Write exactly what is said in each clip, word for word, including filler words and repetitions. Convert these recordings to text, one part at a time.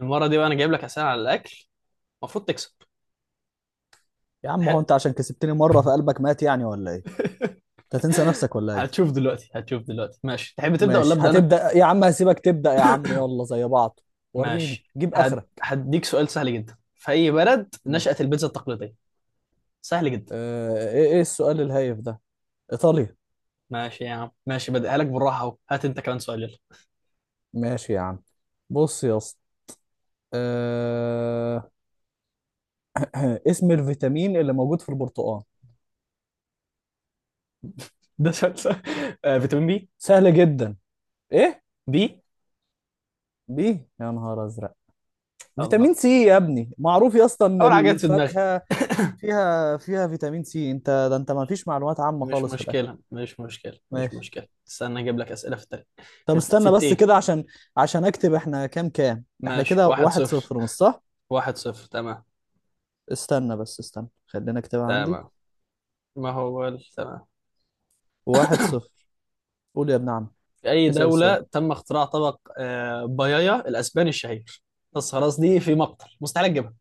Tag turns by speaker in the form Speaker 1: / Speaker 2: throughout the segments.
Speaker 1: المرة دي بقى أنا جايب لك أسئلة على الأكل. المفروض تكسب.
Speaker 2: يا عم،
Speaker 1: تح...
Speaker 2: هو انت عشان كسبتني مره فقلبك مات يعني ولا ايه؟ انت هتنسى نفسك ولا ايه؟
Speaker 1: هتشوف دلوقتي، هتشوف دلوقتي. ماشي، تحب تبدأ ولا
Speaker 2: ماشي،
Speaker 1: أبدأ أنا؟
Speaker 2: هتبدا يا عم، هسيبك تبدا يا عم، يلا زي بعض. وريني
Speaker 1: ماشي،
Speaker 2: جيب
Speaker 1: هد...
Speaker 2: اخرك.
Speaker 1: هديك سؤال سهل جدا، في أي بلد
Speaker 2: ماشي.
Speaker 1: نشأت البيتزا التقليدية؟ سهل جدا.
Speaker 2: آه، ايه ايه السؤال الهايف ده؟ ايطاليا.
Speaker 1: ماشي يا عم، ماشي، بديها لك بالراحة أهو، هات أنت كمان سؤال يلا.
Speaker 2: ماشي يا عم. بص يا اسطى. آه... اسم الفيتامين اللي موجود في البرتقال؟
Speaker 1: ده سؤال سهل. آه فيتامين بي.
Speaker 2: سهل جدا. ايه؟
Speaker 1: بي.
Speaker 2: بي. يا نهار ازرق!
Speaker 1: الله،
Speaker 2: فيتامين سي يا ابني، معروف يا اسطى ان
Speaker 1: أول حاجة جت في دماغي.
Speaker 2: الفاكهه فيها فيها فيتامين سي، انت ده انت ما فيش معلومات عامه
Speaker 1: مش
Speaker 2: خالص في الاكل.
Speaker 1: مشكلة، مش مشكلة، مش
Speaker 2: ماشي.
Speaker 1: مشكلة، استنى أجيب لك أسئلة في التاريخ.
Speaker 2: طب
Speaker 1: في, في
Speaker 2: استنى بس
Speaker 1: التين.
Speaker 2: كده عشان عشان اكتب، احنا كام كام احنا
Speaker 1: ماشي،
Speaker 2: كده
Speaker 1: واحد
Speaker 2: واحد
Speaker 1: صفر.
Speaker 2: صفر مش صح؟
Speaker 1: واحد صفر تمام.
Speaker 2: استنى بس، استنى، خلينا اكتبها عندي.
Speaker 1: تمام، ما هو ال- تمام.
Speaker 2: واحد صفر. قول يا ابن عم.
Speaker 1: في أي
Speaker 2: اسأل السؤال.
Speaker 1: دولة تم اختراع طبق آه، بايايا الأسباني الشهير؟ بس خلاص، دي في مقتل، مستحيل أجيبها.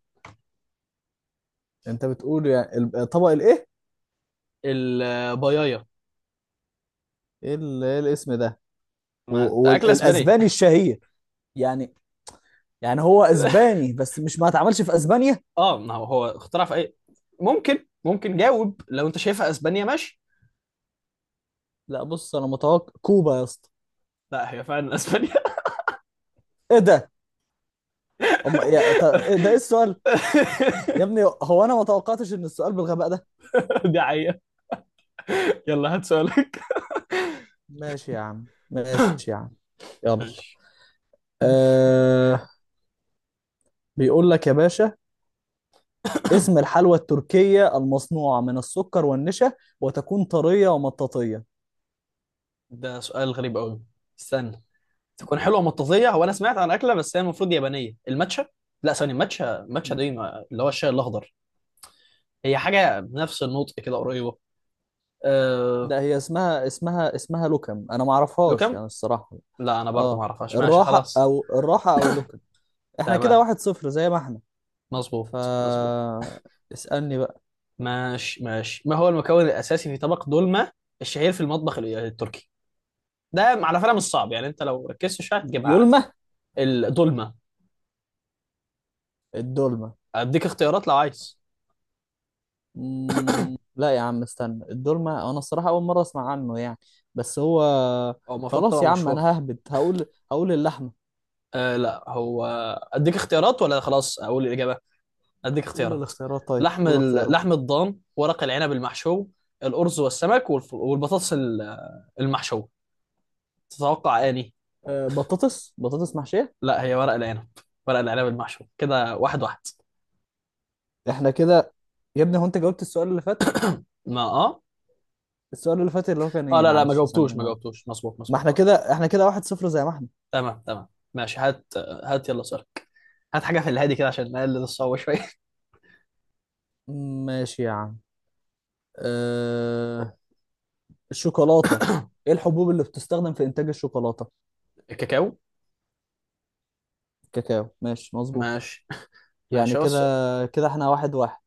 Speaker 2: انت بتقول يعني ال- طبق الايه؟
Speaker 1: البايايا،
Speaker 2: ايه ال- إيه الاسم ده؟
Speaker 1: ما
Speaker 2: و-
Speaker 1: أكلة أسبانية.
Speaker 2: والاسباني الشهير يعني؟ يعني هو اسباني بس مش ما اتعملش في اسبانيا؟
Speaker 1: اه ما هو هو اختراع في أي؟ ممكن، ممكن جاوب، لو أنت شايفها أسبانيا ماشي.
Speaker 2: لا، بص انا متوقع كوبا يا اسطى.
Speaker 1: لا هي فعلا أسبانيا.
Speaker 2: ايه ده؟ أم... يا... ط... إيه ده، ايه السؤال؟ يا ابني، هو انا ما توقعتش ان السؤال بالغباء ده.
Speaker 1: دي حقيقة. يلا هات سؤالك.
Speaker 2: ماشي يا عم، ماشي يا عم. يلا.
Speaker 1: ماشي.
Speaker 2: أه... بيقول لك يا باشا، اسم الحلوى التركية المصنوعة من السكر والنشا وتكون طرية ومطاطية؟
Speaker 1: ده سؤال غريب قوي. استنى، تكون حلوة مطاطية، هو أنا سمعت عن أكلة بس هي المفروض يابانية، الماتشا. لا ثانية، ماتشا ماتشا دي ما- اللي هو الشاي الأخضر. هي حاجة بنفس النطق كده، قريبة. أه...
Speaker 2: ده هي اسمها اسمها اسمها لوكم، انا ما اعرفهاش
Speaker 1: لوكم؟
Speaker 2: يعني الصراحة.
Speaker 1: لا أنا برضه ما
Speaker 2: اه.
Speaker 1: أعرفهاش، ماشي
Speaker 2: الراحة
Speaker 1: خلاص.
Speaker 2: او الراحة او لوكم. احنا كده
Speaker 1: تمام،
Speaker 2: واحد صفر زي ما احنا. ف
Speaker 1: مظبوط مظبوط.
Speaker 2: اسألني بقى.
Speaker 1: ماشي ماشي، ما هو المكون الأساسي في طبق دولمة الشهير في المطبخ ال- التركي؟ ده على فكرة مش صعب، يعني أنت لو ركزت شوية هتجيبها عادي.
Speaker 2: يلمة.
Speaker 1: الدولمة.
Speaker 2: الدولمة.
Speaker 1: أديك اختيارات لو عايز.
Speaker 2: مم... لا يا عم، استنى، الدولمة انا الصراحة اول مرة اسمع عنه يعني، بس هو.
Speaker 1: هو المفروض
Speaker 2: خلاص
Speaker 1: طبق
Speaker 2: يا عم، انا
Speaker 1: مشهور.
Speaker 2: ههبد هقول هقول اللحمة.
Speaker 1: أه لا، هو أديك اختيارات، ولا خلاص أقول الإجابة؟ اديك
Speaker 2: قول
Speaker 1: اختيارات.
Speaker 2: الاختيارات، طيب
Speaker 1: لحم
Speaker 2: قول
Speaker 1: ال-
Speaker 2: الاختيارات.
Speaker 1: لحم الضان، ورق العنب المحشو، الارز والسمك، والف- والبطاطس ال- المحشوه. تتوقع اني؟
Speaker 2: آه، بطاطس بطاطس محشية.
Speaker 1: لا هي ورق العنب، ورق العنب المحشو. كده واحد واحد.
Speaker 2: احنا كده. يا ابني، هو انت جاوبت السؤال اللي فات
Speaker 1: ما اه،
Speaker 2: السؤال اللي فات اللي هو كان
Speaker 1: اه
Speaker 2: ايه،
Speaker 1: لا لا، ما
Speaker 2: معلش، ثانية
Speaker 1: جاوبتوش ما
Speaker 2: انا.
Speaker 1: جاوبتوش. مظبوط
Speaker 2: ما
Speaker 1: مظبوط
Speaker 2: احنا
Speaker 1: خلاص.
Speaker 2: كده احنا كده واحد صفر زي ما احنا.
Speaker 1: تمام تمام. ماشي، هات هات يلا سؤالك، هات حاجه في الهادي كده عشان نقلل الصعوبه شويه.
Speaker 2: ماشي يا عم. اه... الشوكولاتة، ايه الحبوب اللي بتستخدم في انتاج الشوكولاتة؟
Speaker 1: الكاكاو.
Speaker 2: الكاكاو، ماشي مظبوط.
Speaker 1: ماشي
Speaker 2: يعني
Speaker 1: ماشي. هو
Speaker 2: كده، كده احنا واحد واحد.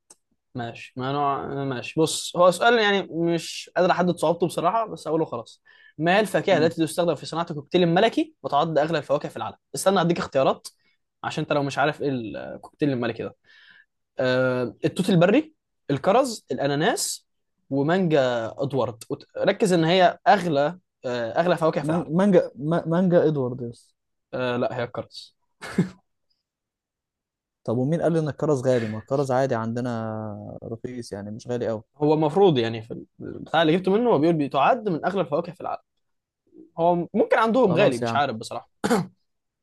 Speaker 1: ماشي، ما نوع، ماشي بص، هو سؤال يعني مش قادر احدد صعوبته بصراحه، بس اقوله خلاص. ما هي الفاكهه
Speaker 2: مم.
Speaker 1: التي تستخدم في صناعه الكوكتيل الملكي، وتعد اغلى الفواكه في العالم؟ استنى اديك اختيارات، عشان انت لو مش عارف ايه الكوكتيل الملكي ده. آه التوت البري، الكرز، الاناناس، ومانجا ادوارد. وت- ركز ان هي اغلى، آه اغلى فواكه في
Speaker 2: مان-
Speaker 1: العالم.
Speaker 2: مانجا ما- مانجا ادوارد يس.
Speaker 1: آه لا، هي الكرز.
Speaker 2: طب ومين قال ان الكرز غالي؟ ما الكرز عادي عندنا، رخيص يعني، مش غالي قوي.
Speaker 1: هو المفروض يعني في البتاع اللي جبته منه هو بيقول بتعد من اغلى الفواكه في العالم، هو ممكن عندهم غالي،
Speaker 2: خلاص يا
Speaker 1: مش
Speaker 2: عم،
Speaker 1: عارف بصراحه.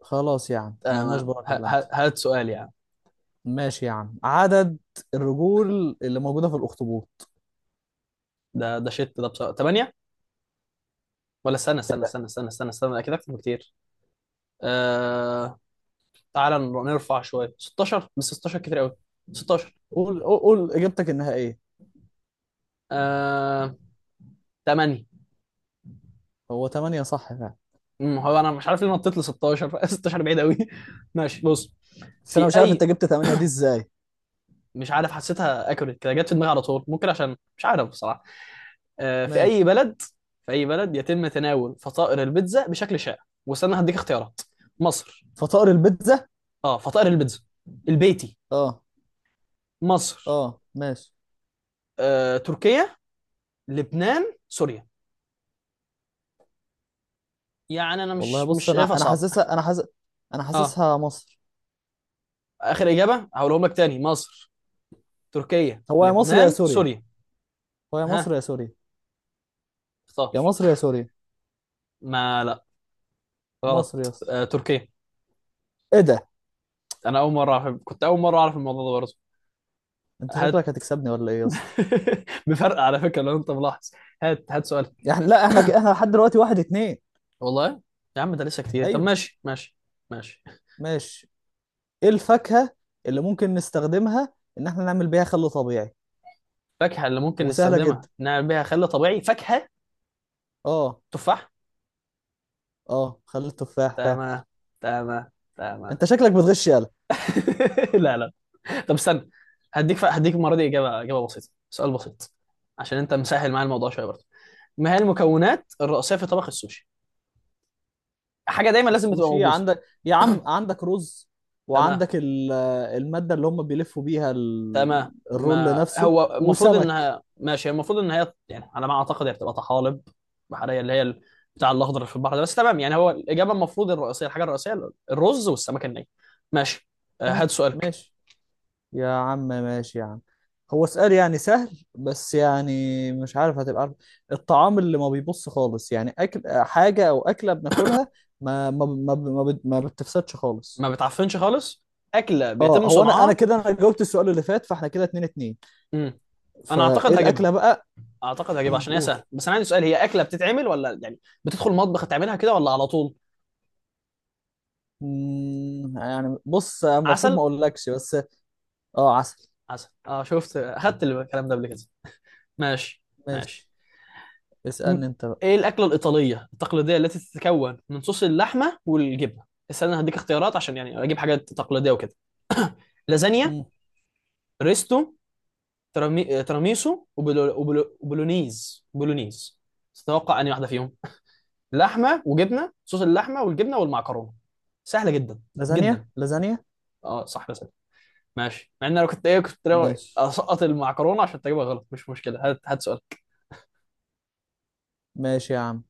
Speaker 2: خلاص يا عم مالناش
Speaker 1: تمام،
Speaker 2: بقى
Speaker 1: ه- ه-
Speaker 2: كلمت.
Speaker 1: هات سؤال يعني.
Speaker 2: ماشي يا عم، عدد الرجول اللي موجودة في الأخطبوط؟
Speaker 1: ده ده شت، ده بصراحة تمانية. ولا استنى استنى استنى استنى استنى استنى، اكيد اكتر بكتير. آه... تعالى نر- نرفع شويه، ستاشر، بس ستاشر كتير قوي. ستاشر.
Speaker 2: قول قول قول إجابتك النهائية.
Speaker 1: آه... تمانية.
Speaker 2: هو تمانية صح فعلا.
Speaker 1: أمم، هو انا مش عارف ليه نطيت ل ستاشر. ستاشر بعيد قوي. ماشي بص،
Speaker 2: بس أنا
Speaker 1: في
Speaker 2: مش عارف أنت
Speaker 1: اي،
Speaker 2: جبت تمانية دي إزاي.
Speaker 1: مش عارف، حسيتها اكوريت كده، جت في دماغي على طول، ممكن عشان، مش عارف بصراحه. آه... في
Speaker 2: ماشي.
Speaker 1: اي بلد، في اي بلد يتم تناول فطائر البيتزا بشكل شائع؟ واستنى هديك اختيارات. مصر،
Speaker 2: فطائر البيتزا.
Speaker 1: اه فطائر البيتزا، البيتي،
Speaker 2: أه.
Speaker 1: مصر،
Speaker 2: أه، ماشي.
Speaker 1: آه، تركيا، لبنان، سوريا. يعني انا
Speaker 2: والله
Speaker 1: مش، مش
Speaker 2: بص، أنا
Speaker 1: شايفها
Speaker 2: أنا
Speaker 1: صعبه.
Speaker 2: حاسسها أنا حاسس أنا
Speaker 1: اه
Speaker 2: حاسسها مصر.
Speaker 1: اخر اجابه هقولهم لك تاني، مصر، تركيا،
Speaker 2: هو يا مصر يا
Speaker 1: لبنان،
Speaker 2: سوريا،
Speaker 1: سوريا.
Speaker 2: هو يا
Speaker 1: ها،
Speaker 2: مصر يا سوريا.
Speaker 1: اختار.
Speaker 2: يا مصر يا سوريا.
Speaker 1: ما لا،
Speaker 2: مصر يا
Speaker 1: غلط،
Speaker 2: اسطى.
Speaker 1: آه، تركيا.
Speaker 2: إيه ده؟
Speaker 1: انا اول مره اعرف، كنت اول مره اعرف الموضوع ده برضه.
Speaker 2: أنت
Speaker 1: هات.
Speaker 2: شكلك هتكسبني ولا إيه يا اسطى؟
Speaker 1: بفرق على فكره لو انت ملاحظ. هات هات سؤال.
Speaker 2: يعني لا، إحنا ك... إحنا لحد دلوقتي واحد اتنين.
Speaker 1: والله يا عم ده لسه كتير، طب
Speaker 2: أيوه.
Speaker 1: ماشي ماشي. ماشي.
Speaker 2: ماشي. ايه الفاكهة اللي ممكن نستخدمها ان احنا نعمل بيها خل طبيعي،
Speaker 1: فاكهه اللي ممكن
Speaker 2: وسهلة
Speaker 1: نستخدمها
Speaker 2: جدا؟
Speaker 1: نعمل بيها خل طبيعي، فاكهه،
Speaker 2: اه.
Speaker 1: تفاح.
Speaker 2: اه، خل التفاح فعلا.
Speaker 1: تمام تمام تمام.
Speaker 2: انت شكلك بتغش، يالا.
Speaker 1: لا لا. طب استنى، هديك ف... هديك المره دي اجابه، اجابه بسيطه، سؤال بسيط، عشان انت مسهل معايا الموضوع شويه برضه. ما هي المكونات الرئيسيه في طبخ السوشي؟ حاجه دايما لازم تبقى
Speaker 2: السوشي
Speaker 1: موجوده.
Speaker 2: عندك يا عم، عندك رز،
Speaker 1: تمام،
Speaker 2: وعندك ال- المادة اللي هم بيلفوا بيها ال-
Speaker 1: تمام.
Speaker 2: الرول
Speaker 1: ما
Speaker 2: نفسه،
Speaker 1: هو المفروض
Speaker 2: وسمك.
Speaker 1: انها، ماشي المفروض ان هي يعني على ما اعتقد هي بتبقى طحالب بحريه، اللي هي ال- بتاع الاخضر اللي في البحر ده، بس تمام يعني. هو الاجابه المفروض الرئيسيه، الحاجه الرئيسيه، الرز والسمك الني. ماشي. آه،
Speaker 2: مم.
Speaker 1: هات سؤالك.
Speaker 2: ماشي يا عم، ماشي يا عم. هو سؤال يعني سهل، بس يعني مش عارف هتبقى عارف. الطعام اللي ما بيبص خالص، يعني اكل حاجة او اكلة بناكلها ما ما ما ما بت- ما بتفسدش خالص.
Speaker 1: ما بتعفنش خالص، اكله
Speaker 2: اه،
Speaker 1: بيتم
Speaker 2: هو انا انا
Speaker 1: صنعها.
Speaker 2: كده انا جاوبت السؤال اللي فات، فاحنا كده اتنين اتنين.
Speaker 1: مم. انا اعتقد
Speaker 2: فايه
Speaker 1: هجيبها،
Speaker 2: الاكله بقى؟
Speaker 1: اعتقد هجيبها
Speaker 2: مم،
Speaker 1: عشان هي
Speaker 2: قول.
Speaker 1: سهله، بس انا عندي سؤال، هي اكله بتتعمل، ولا يعني بتدخل المطبخ تعملها كده ولا على طول؟
Speaker 2: مم، يعني بص المفروض ما
Speaker 1: عسل.
Speaker 2: اقولكش، بس. اه، عسل.
Speaker 1: عسل اه، شفت اخدت الكلام ده قبل كده. ماشي ماشي.
Speaker 2: ماشي.
Speaker 1: م-
Speaker 2: اسالني انت بقى.
Speaker 1: ايه الاكله الايطاليه التقليديه التي تتكون من صوص اللحمه والجبنه؟ استنى هديك اختيارات عشان يعني اجيب حاجات تقليديه وكده. لازانيا،
Speaker 2: مم.
Speaker 1: ريستو، ترامي... تراميسو، وبلو... وبلو... وبولونيز، بولونيز. تتوقع انهي واحده فيهم؟ لحمه وجبنه، صوص اللحمه والجبنه والمعكرونه. سهله جدا،
Speaker 2: لازانيا
Speaker 1: جدا.
Speaker 2: لازانيا.
Speaker 1: اه صح. ماشي، مع ان انا كنت ايه، كنت ناوي
Speaker 2: ماشي،
Speaker 1: اسقط المعكرونه عشان تجيبها غلط، مش مشكله. هات هات سؤال.
Speaker 2: ماشي يا عم.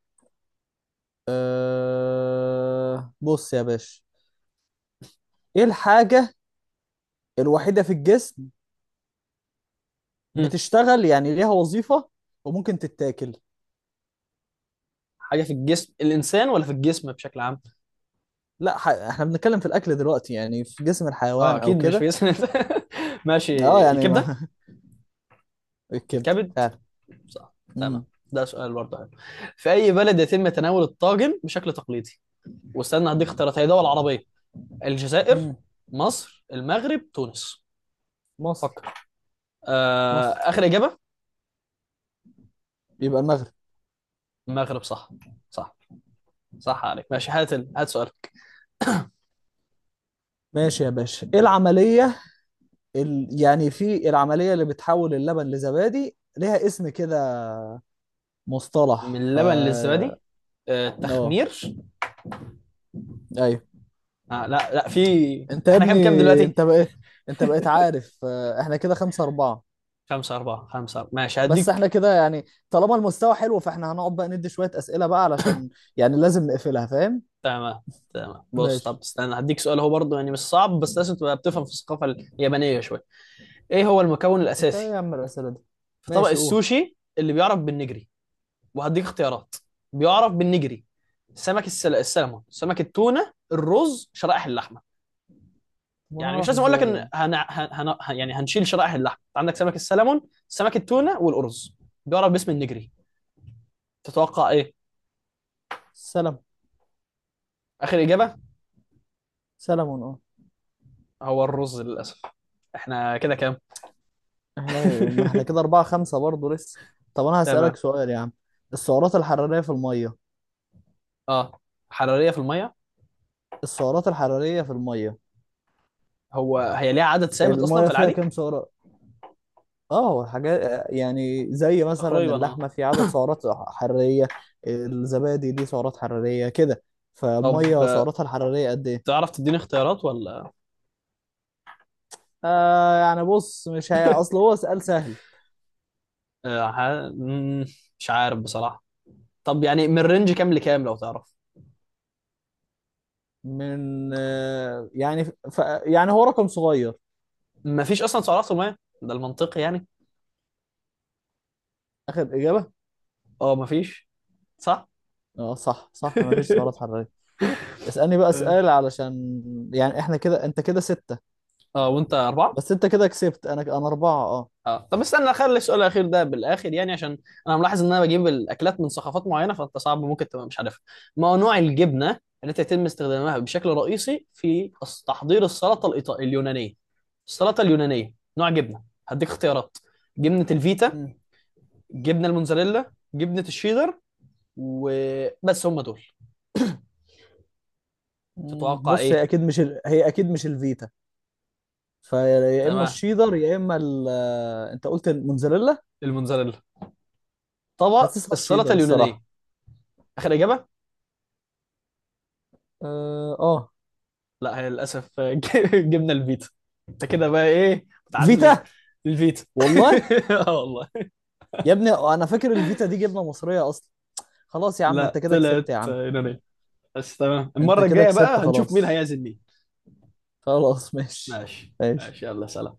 Speaker 2: أه... بص يا باشا، ايه الحاجه الوحيده في الجسم
Speaker 1: مم.
Speaker 2: بتشتغل يعني ليها وظيفه وممكن تتاكل؟
Speaker 1: حاجه في الجسم الانسان، ولا في الجسم بشكل عام؟
Speaker 2: لا ح... احنا بنتكلم في الاكل دلوقتي، يعني في جسم
Speaker 1: اه
Speaker 2: الحيوان او
Speaker 1: اكيد مش في
Speaker 2: كده.
Speaker 1: جسم الإنسان.
Speaker 2: اه
Speaker 1: ماشي.
Speaker 2: يعني
Speaker 1: الكبده.
Speaker 2: ما. الكبده
Speaker 1: الكبد،
Speaker 2: فعلا.
Speaker 1: صح. تمام.
Speaker 2: مم.
Speaker 1: ده سؤال برضه حلو، في اي بلد يتم تناول الطاجن بشكل تقليدي؟ واستنى هديك اختيارات، هي دول عربيه. الجزائر،
Speaker 2: مم.
Speaker 1: مصر، المغرب، تونس.
Speaker 2: مصر.
Speaker 1: فكر. آه
Speaker 2: مصر
Speaker 1: اخر اجابه.
Speaker 2: يبقى المغرب.
Speaker 1: المغرب، صح. صح، صح عليك. ماشي، هات ال- هات سؤال.
Speaker 2: ماشي يا باشا، ايه العملية ال... يعني، في العملية اللي بتحول اللبن لزبادي ليها اسم كده،
Speaker 1: من
Speaker 2: مصطلح ف؟
Speaker 1: اللبن للزبادي، آه،
Speaker 2: اه.
Speaker 1: تخمير.
Speaker 2: ايوه.
Speaker 1: آه لا، لا في،
Speaker 2: انت يا
Speaker 1: احنا
Speaker 2: ابني،
Speaker 1: كام كام دلوقتي؟
Speaker 2: انت بقيت انت بقيت عارف، آه، احنا كده خمسة أربعة.
Speaker 1: خمسة أربعة. خمسة أربعة، ماشي
Speaker 2: بس
Speaker 1: هديك.
Speaker 2: احنا كده يعني طالما المستوى حلو، فاحنا هنقعد بقى ندي شوية أسئلة بقى علشان يعني لازم نقفلها، فاهم.
Speaker 1: تمام تمام. بص طب
Speaker 2: ماشي.
Speaker 1: استنى، هديك سؤال هو برضه يعني مش صعب، بس لازم تبقى بتفهم في الثقافة اليابانية شوية. ايه هو المكون
Speaker 2: انت ايه يا
Speaker 1: الأساسي
Speaker 2: عم الأسئلة دي؟
Speaker 1: في طبق
Speaker 2: ماشي، قول.
Speaker 1: السوشي اللي بيعرف بالنجري؟ وهديك اختيارات. بيعرف بالنجري. سمك السل... السلمون، سمك التونة، الرز، شرائح اللحمة.
Speaker 2: وانا
Speaker 1: يعني مش
Speaker 2: اعرف
Speaker 1: لازم اقول لك
Speaker 2: ازاي
Speaker 1: ان
Speaker 2: يعني؟
Speaker 1: هن... هن... هن... يعني هنشيل شرائح اللحم. أنت عندك سمك السلمون، سمك التونه، والارز، بيعرف باسم النجري، تتوقع ايه؟
Speaker 2: سلام،
Speaker 1: اخر اجابه.
Speaker 2: سلام.
Speaker 1: هو الرز للاسف. احنا كده كام؟
Speaker 2: احنا، ما احنا كده أربعة خمسة برضه لسه. طب أنا هسألك
Speaker 1: تمام.
Speaker 2: سؤال يا عم. السعرات الحرارية في المية؟
Speaker 1: اه، حراريه في الميه.
Speaker 2: السعرات الحرارية في المية،
Speaker 1: هو هي ليها عدد ثابت اصلا
Speaker 2: المية
Speaker 1: في
Speaker 2: فيها
Speaker 1: العادي؟
Speaker 2: كام سعرة؟ اه، حاجات يعني زي مثلا
Speaker 1: تقريبا اه.
Speaker 2: اللحمة في عدد سعرات حرارية، الزبادي دي سعرات حرارية كده،
Speaker 1: طب
Speaker 2: فالمية
Speaker 1: آه،
Speaker 2: سعراتها الحرارية قد ايه؟
Speaker 1: تعرف تديني اختيارات ولا؟
Speaker 2: آه يعني بص، مش هي اصل هو سؤال سهل.
Speaker 1: آه ح- مم، مش عارف بصراحه. طب يعني من رينج كام لكام لو تعرف؟
Speaker 2: من آه يعني، ف... يعني هو رقم صغير.
Speaker 1: مفيش اصلا سعرات في الميه، ده المنطقي يعني.
Speaker 2: اخر إجابة؟
Speaker 1: اه مفيش. صح.
Speaker 2: اه، صح صح، مفيش سعرات حرارية. اسألني بقى سؤال
Speaker 1: ماشي.
Speaker 2: علشان يعني احنا كده، انت كده ستة.
Speaker 1: اه، وانت اربعه.
Speaker 2: بس انت كده كسبت، انا انا اربعة، اه.
Speaker 1: اه طب استنى، اخلي السؤال الاخير ده بالاخر يعني، عشان انا ملاحظ ان انا بجيب الاكلات من ثقافات معينه فانت صعب ممكن تبقى مش عارفها. ما هو نوع الجبنه التي يتم استخدامها بشكل رئيسي في أص- تحضير السلطه الإيطا- اليونانيه؟ السلطه اليونانيه، نوع جبنه. هديك اختيارات. جبنه الفيتا،
Speaker 2: مم.
Speaker 1: جبنه الموتزاريلا، جبنه الشيدر، وبس هم دول.
Speaker 2: مم،
Speaker 1: تتوقع
Speaker 2: بص هي
Speaker 1: ايه؟
Speaker 2: اكيد مش ال... هي اكيد مش الفيتا. فيا اما
Speaker 1: تمام،
Speaker 2: الشيدر يا اما ال... آه، انت قلت الموتزاريلا.
Speaker 1: الموتزاريلا، طبق
Speaker 2: حاسسها
Speaker 1: السلطه
Speaker 2: الشيدر الصراحه.
Speaker 1: اليونانيه. اخر اجابه؟
Speaker 2: اه، آه.
Speaker 1: لا، هي للاسف جبنا الفيتا. ده كده بقى ايه، متعادلين.
Speaker 2: فيتا.
Speaker 1: الفيتا.
Speaker 2: والله.
Speaker 1: اه والله.
Speaker 2: يا ابني، انا فاكر الفيتا دي جبنه مصريه اصلا. خلاص يا عم، انت
Speaker 1: لا،
Speaker 2: كده كسبت
Speaker 1: طلعت
Speaker 2: يا عم.
Speaker 1: يونانية. بس تمام،
Speaker 2: انت
Speaker 1: المرة
Speaker 2: كده
Speaker 1: الجاية
Speaker 2: كسبت،
Speaker 1: بقى هنشوف مين
Speaker 2: خلاص.
Speaker 1: هيعزل مين.
Speaker 2: خلاص، ماشي،
Speaker 1: ماشي
Speaker 2: ماشي.
Speaker 1: ماشي، يلا سلام.